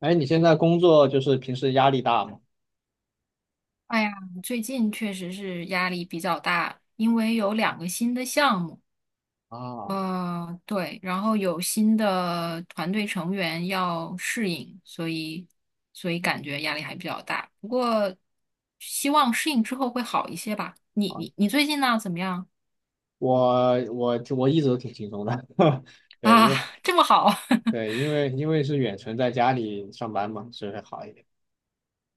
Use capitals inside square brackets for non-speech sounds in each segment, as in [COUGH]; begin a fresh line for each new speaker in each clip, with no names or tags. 哎，你现在工作就是平时压力大吗？
哎呀，最近确实是压力比较大，因为有两个新的项目，
啊
对，然后有新的团队成员要适应，所以感觉压力还比较大。不过希望适应之后会好一些吧。你
啊，
你你最近呢？怎么样
我一直都挺轻松的。[LAUGHS] 对，
啊？
因为
这么好？[LAUGHS]
对，因为是远程在家里上班嘛，所以会好一点。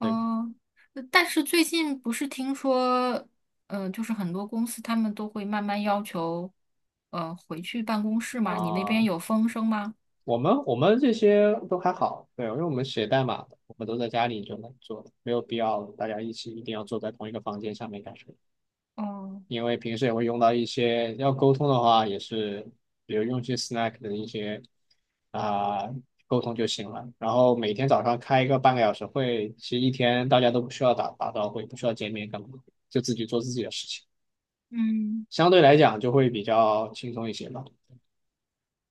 对
但是最近不是听说，就是很多公司他们都会慢慢要求，回去办公室嘛？你那边
啊，
有风声吗？
我们这些都还好，对，因为我们写代码的我们都在家里就能做的，没有必要大家一起一定要坐在同一个房间下面干什么。
哦，
因为平时也会用到一些要沟通的话，也是比如用一些 Slack 的一些啊、沟通就行了。然后每天早上开一个半个小时会，其实一天大家都不需要打打招呼，也不需要见面干嘛，就自己做自己的事情，
嗯，
相对来讲就会比较轻松一些吧。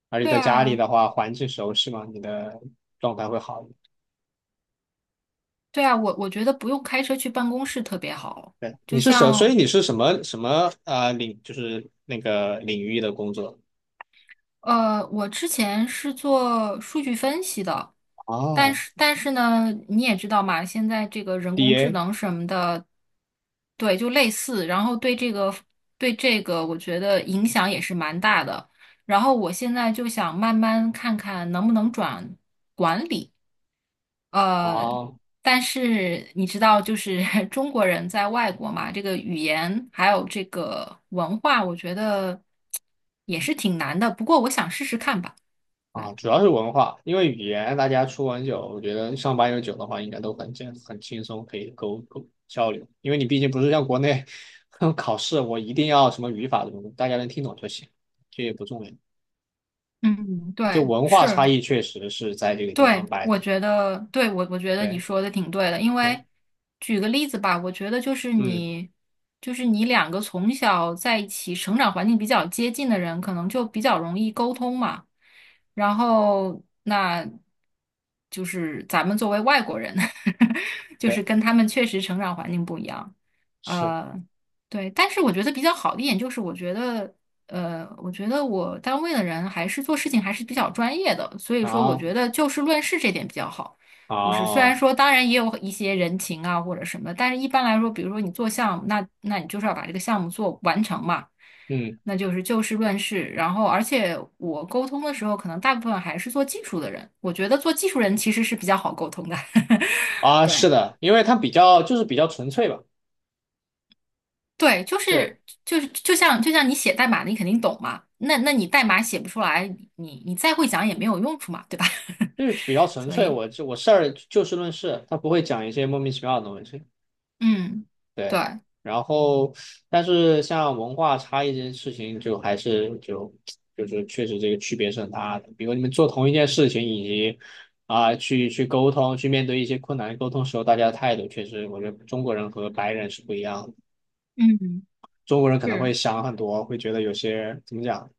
而且
对
在家里
啊，
的话，环境熟悉嘛，你的状态会好一点。
对啊，我觉得不用开车去办公室特别好。
对，你
就
是什，所以
像，
你是什么啊、呃领，就是那个领域的工作
我之前是做数据分析的，但
啊
是但是呢，你也知道嘛，现在这个人工
，DA。
智能什么的，对，就类似，然后对这个，我觉得影响也是蛮大的。然后我现在就想慢慢看看能不能转管理。呃，
啊，
但是你知道，就是 [LAUGHS] 中国人在外国嘛，这个语言还有这个文化，我觉得也是挺难的。不过我想试试看吧。对，
主要是文化，因为语言大家出完酒，我觉得上八有九的话，应该都很轻松，可以交流。因为你毕竟不是像国内 [LAUGHS] 考试，我一定要什么语法什么的，大家能听懂就行，这也不重要。
嗯，
就
对，
文化
是。
差异确实是在这个地方
对，
摆
我
的。
觉得，对，我觉得你
对
说的挺对的，因
对，
为举个例子吧，我觉得就是
嗯，
你，就是你两个从小在一起成长环境比较接近的人，可能就比较容易沟通嘛。然后，那就是咱们作为外国人，[LAUGHS] 就是
对，
跟他们确实成长环境不一样。
是
呃，对，但是我觉得比较好的一点就是，我觉得我单位的人还是做事情还是比较专业的，所以说我
啊。
觉得就事论事这点比较好。就是虽然
啊，
说，当然也有一些人情啊或者什么，但是一般来说，比如说你做项目，那你就是要把这个项目做完成嘛，
嗯，
那就是就事论事。然后，而且我沟通的时候，可能大部分还是做技术的人，我觉得做技术人其实是比较好沟通的。[LAUGHS]
啊，是
对。
的，因为它比较就是比较纯粹吧。
对，
这
就像你写代码，你肯定懂嘛。那你代码写不出来，你再会讲也没有用处嘛，对吧？
就是比较
[LAUGHS]
纯
所
粹，
以，
我就我事儿就事论事，他不会讲一些莫名其妙的东西。
嗯，对，
对，然后但是像文化差异这件事情，就是确实这个区别是很大的。比如你们做同一件事情，以及去沟通，去面对一些困难沟通时候，大家的态度确实，我觉得中国人和白人是不一样的。
嗯，
中国人可能会
是，
想很多，会觉得有些怎么讲，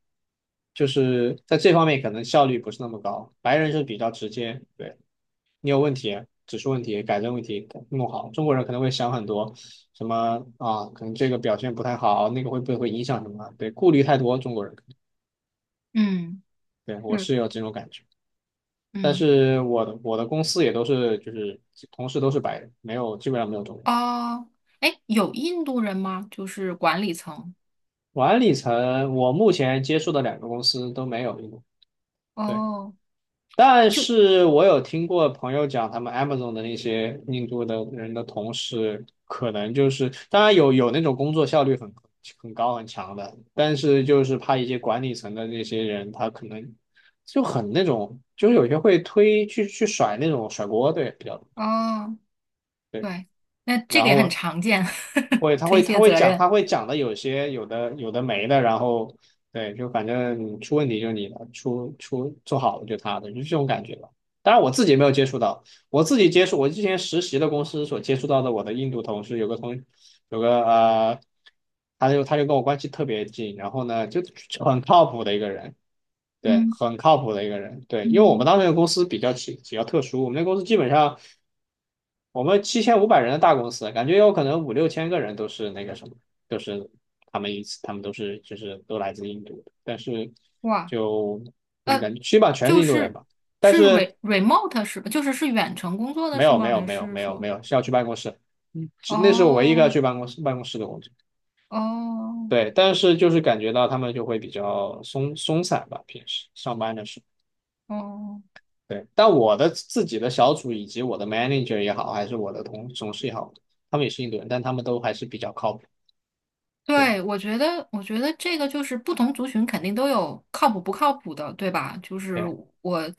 就是在这方面可能效率不是那么高。白人是比较直接。对，你有问题，指出问题，改正问题，弄好。中国人可能会想很多，什么啊，可能这个表现不太好，那个会不会影响什么？对，顾虑太多，中国人。
嗯
对，我
是，
是有这种感觉，但
嗯，
是我的公司也都是就是同事都是白人，没有基本上没有中国人。
哦，哎，有印度人吗？就是管理层，
管理层，我目前接触的两个公司都没有一个。对。
哦，
但
就
是我有听过朋友讲，他们 Amazon 的那些印度的人的同事，可能就是，当然有那种工作效率很高很强的，但是就是怕一些管理层的那些人，他可能就很那种，就是有些会推去甩那种甩锅，对，比较多。
哦，
对，
对，那这
然
个也很
后
常见，
会，
[LAUGHS] 推
他
卸
会
责
讲，他
任，
会讲的有些有的没的，然后对，就反正出问题就是你的，做好了就他的，就是这种感觉吧。当然我自己没有接触到，我自己接触我之前实习的公司所接触到的我的印度同事，有个他就跟我关系特别近，然后呢就很靠谱的一个人。对，
嗯
很靠谱的一个人。对，因为我们
嗯，
当时那个公司比较特殊。我们那个公司基本上我们7,500人的大公司，感觉有可能五六千个人都是那个什么，都是他们一次，他们都是就是都来自印度的，但是
哇。
就怎么
呃，
讲，基本上全是
就
印度人
是
吧。但
是
是
remote 是吧？就是是远程工作的
没
是
有，没
吗？
有，
还
没有，
是
没有，
说？
没有，是要去办公室。嗯，只那是我唯一一个要
哦
去办公室的工作。
哦
对，但是就是感觉到他们就会比较松散吧，平时上班的时候。
哦，
对，但我的自己的小组以及我的 manager 也好，还是我的同事也好，他们也是印度人，但他们都还是比较靠谱。对。
对，我觉得这个就是不同族群肯定都有靠谱不靠谱的，对吧？就是
对，
我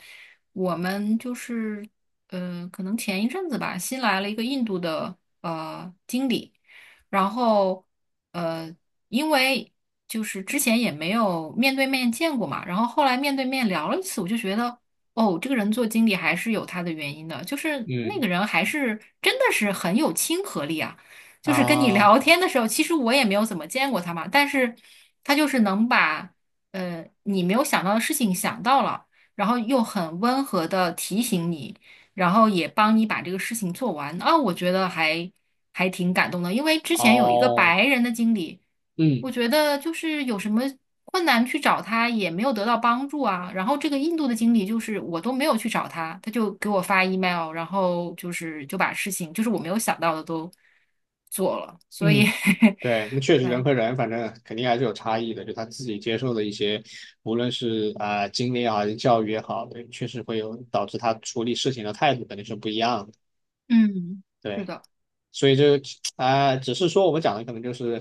我们就是可能前一阵子吧，新来了一个印度的经理，然后呃，因为就是之前也没有面对面见过嘛，然后后来面对面聊了一次，我就觉得哦，这个人做经理还是有他的原因的，就是那
嗯，
个人还是真的是很有亲和力啊。就是跟你
啊。
聊天的时候，其实我也没有怎么见过他嘛，但是他就是能把你没有想到的事情想到了，然后又很温和的提醒你。然后也帮你把这个事情做完啊，我觉得还挺感动的，因为之前有一个
哦，
白人的经理，
嗯
我觉得就是有什么困难去找他也没有得到帮助啊，然后这个印度的经理就是我都没有去找他，他就给我发 email，然后就是就把事情就是我没有想到的都做了，所以
嗯，
[LAUGHS]
对。那确实人
对，
和人，反正肯定还是有差异的。就他自己接受的一些，无论是经历啊，还是教育也好，对，确实会有导致他处理事情的态度肯定是不一样的。
嗯，是
对，
的，
所以这只是说我们讲的可能就是，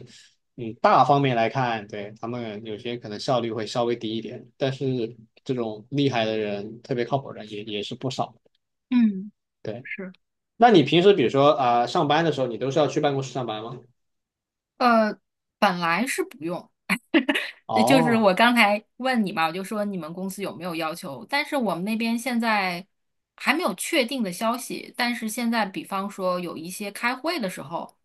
嗯，大方面来看，对，他们有些可能效率会稍微低一点，但是这种厉害的人，特别靠谱的人也是不少。
嗯，
对。
是，
那你平时比如说上班的时候，你都是要去办公室上班吗？
呃，本来是不用。就是
哦，
我刚才问你嘛，我就说你们公司有没有要求？但是我们那边现在还没有确定的消息。但是现在，比方说有一些开会的时候，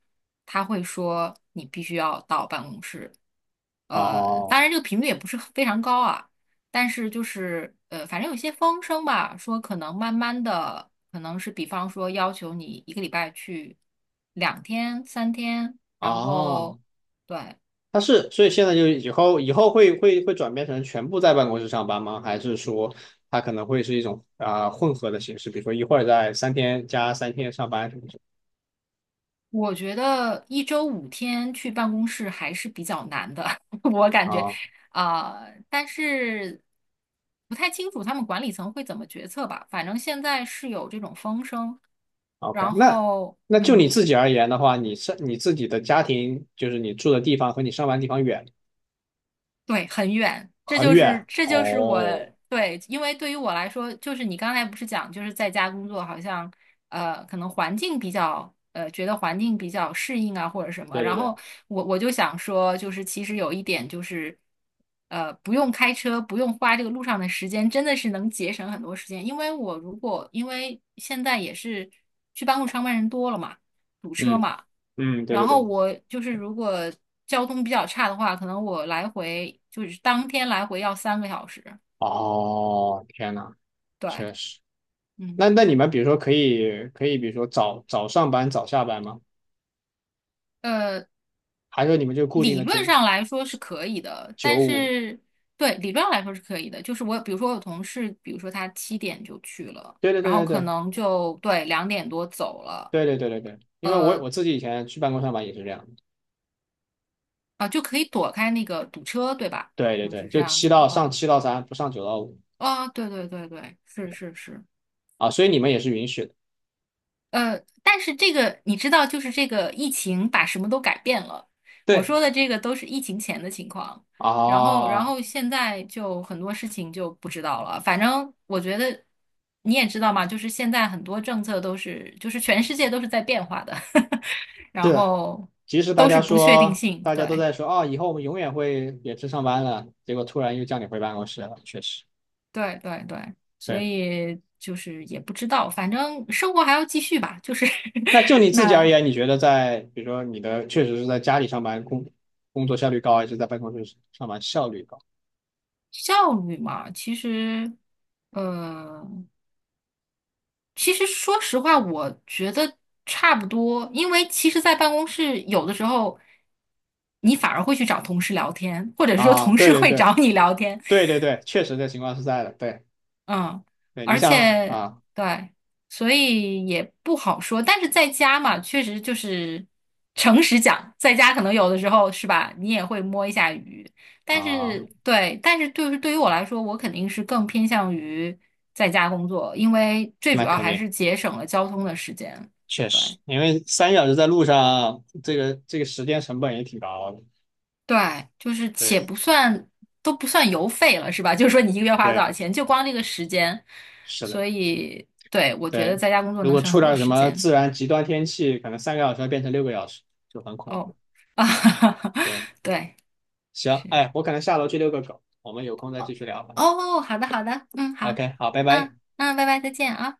他会说你必须要到办公室。
哦，
当然这个频率也不是非常高啊，但是就是反正有些风声吧，说可能慢慢的，可能是比方说要求你一个礼拜去2天、3天，然
哦，
后对。
它是，所以现在就以后会转变成全部在办公室上班吗？还是说它可能会是一种混合的形式，比如说一会儿在三天加三天上班什么
我觉得一周5天去办公室还是比较难的，[LAUGHS] 我感觉，
啊
啊、但是不太清楚他们管理层会怎么决策吧。反正现在是有这种风声，
？OK。
然
那
后，
那就你
嗯。
自己而言的话，你是你自己的家庭，就是你住的地方和你上班地方远
对，很远，这
很
就是
远。
这就是我
哦，
对，因为对于我来说，就是你刚才不是讲，就是在家工作，好像可能环境比较呃，觉得环境比较适应啊，或者什么。
对对
然
对，
后我就想说，就是其实有一点就是，不用开车，不用花这个路上的时间，真的是能节省很多时间。因为现在也是去办公室上班人多了嘛。堵车
嗯
嘛。
嗯，对
然
对
后
对。
我就是如果交通比较差的话，可能我来回就是当天来回要3个小时。
哦，天呐，
对，
确实。那
嗯，
那你们比如说可以，比如说早早上班早下班吗？
呃，
还是说你们就固定
理
的九
论上来说是可以的，
九
但
五？
是对理论上来说是可以的。就是我比如说我有同事，比如说他7点就去了，
对对
然后
对
可
对
能就对2点多走了，
对对对对对对，因为我
呃
我自己以前去办公上班也是这样的。
就可以躲开那个堵车，对吧？
对对
就
对，
是这
就
样子的话，
七到三，不上九到五。
啊，对对对对，是是是，
啊，所以你们也是允许的。
但是这个你知道，就是这个疫情把什么都改变了。我
对
说的这个都是疫情前的情况，然后，然
啊，
后现在就很多事情就不知道了。反正我觉得你也知道嘛，就是现在很多政策都是，就是全世界都是在变化的，[LAUGHS] 然
是。
后
即使
都是不确定性。
大家都
对，
在说啊，以后我们永远会远程上班了，结果突然又叫你回办公室了，确实。
对，对，对，所
对。
以就是也不知道，反正生活还要继续吧。就是
那就你
[LAUGHS]
自己而
那。
言，你觉得在比如说你的确实是在家里上班工作效率高，还是在办公室上班效率高？
效率嘛，其实，呃，说实话，我觉得差不多，因为其实，在办公室有的时候，你反而会去找同事聊天，或者说
啊，
同
对
事
对
会
对
找你聊天，
对对对，确实这情况是在的。对
嗯，
对，你
而
想
且
啊。
对，所以也不好说。但是在家嘛，确实就是诚实讲，在家可能有的时候是吧，你也会摸一下鱼。但
啊，
是对，但是对于我来说，我肯定是更偏向于在家工作，因为最
那
主要
肯
还
定
是节省了交通的时间。
确实，
对
因为3小时在路上，这个时间成本也挺高的。
对，就是
对
且不算都不算油费了，是吧？[LAUGHS] 就是说你一个月花了多
对，
少钱，就光这个时间，
是的，
所以对，我觉得
对。
在家工作
如
能
果
省
出
很多
点什
时
么
间。
自然极端天气，可能3个小时要变成6个小时，就很恐
哦，
怖。
[LAUGHS] 啊，
对，
对，
行，
是，
哎，我可能下楼去遛个狗，我们有空再继
哦，
续聊吧。
哦，好的，好的，嗯，好，
OK，好，拜拜。
嗯嗯，拜拜，再见啊。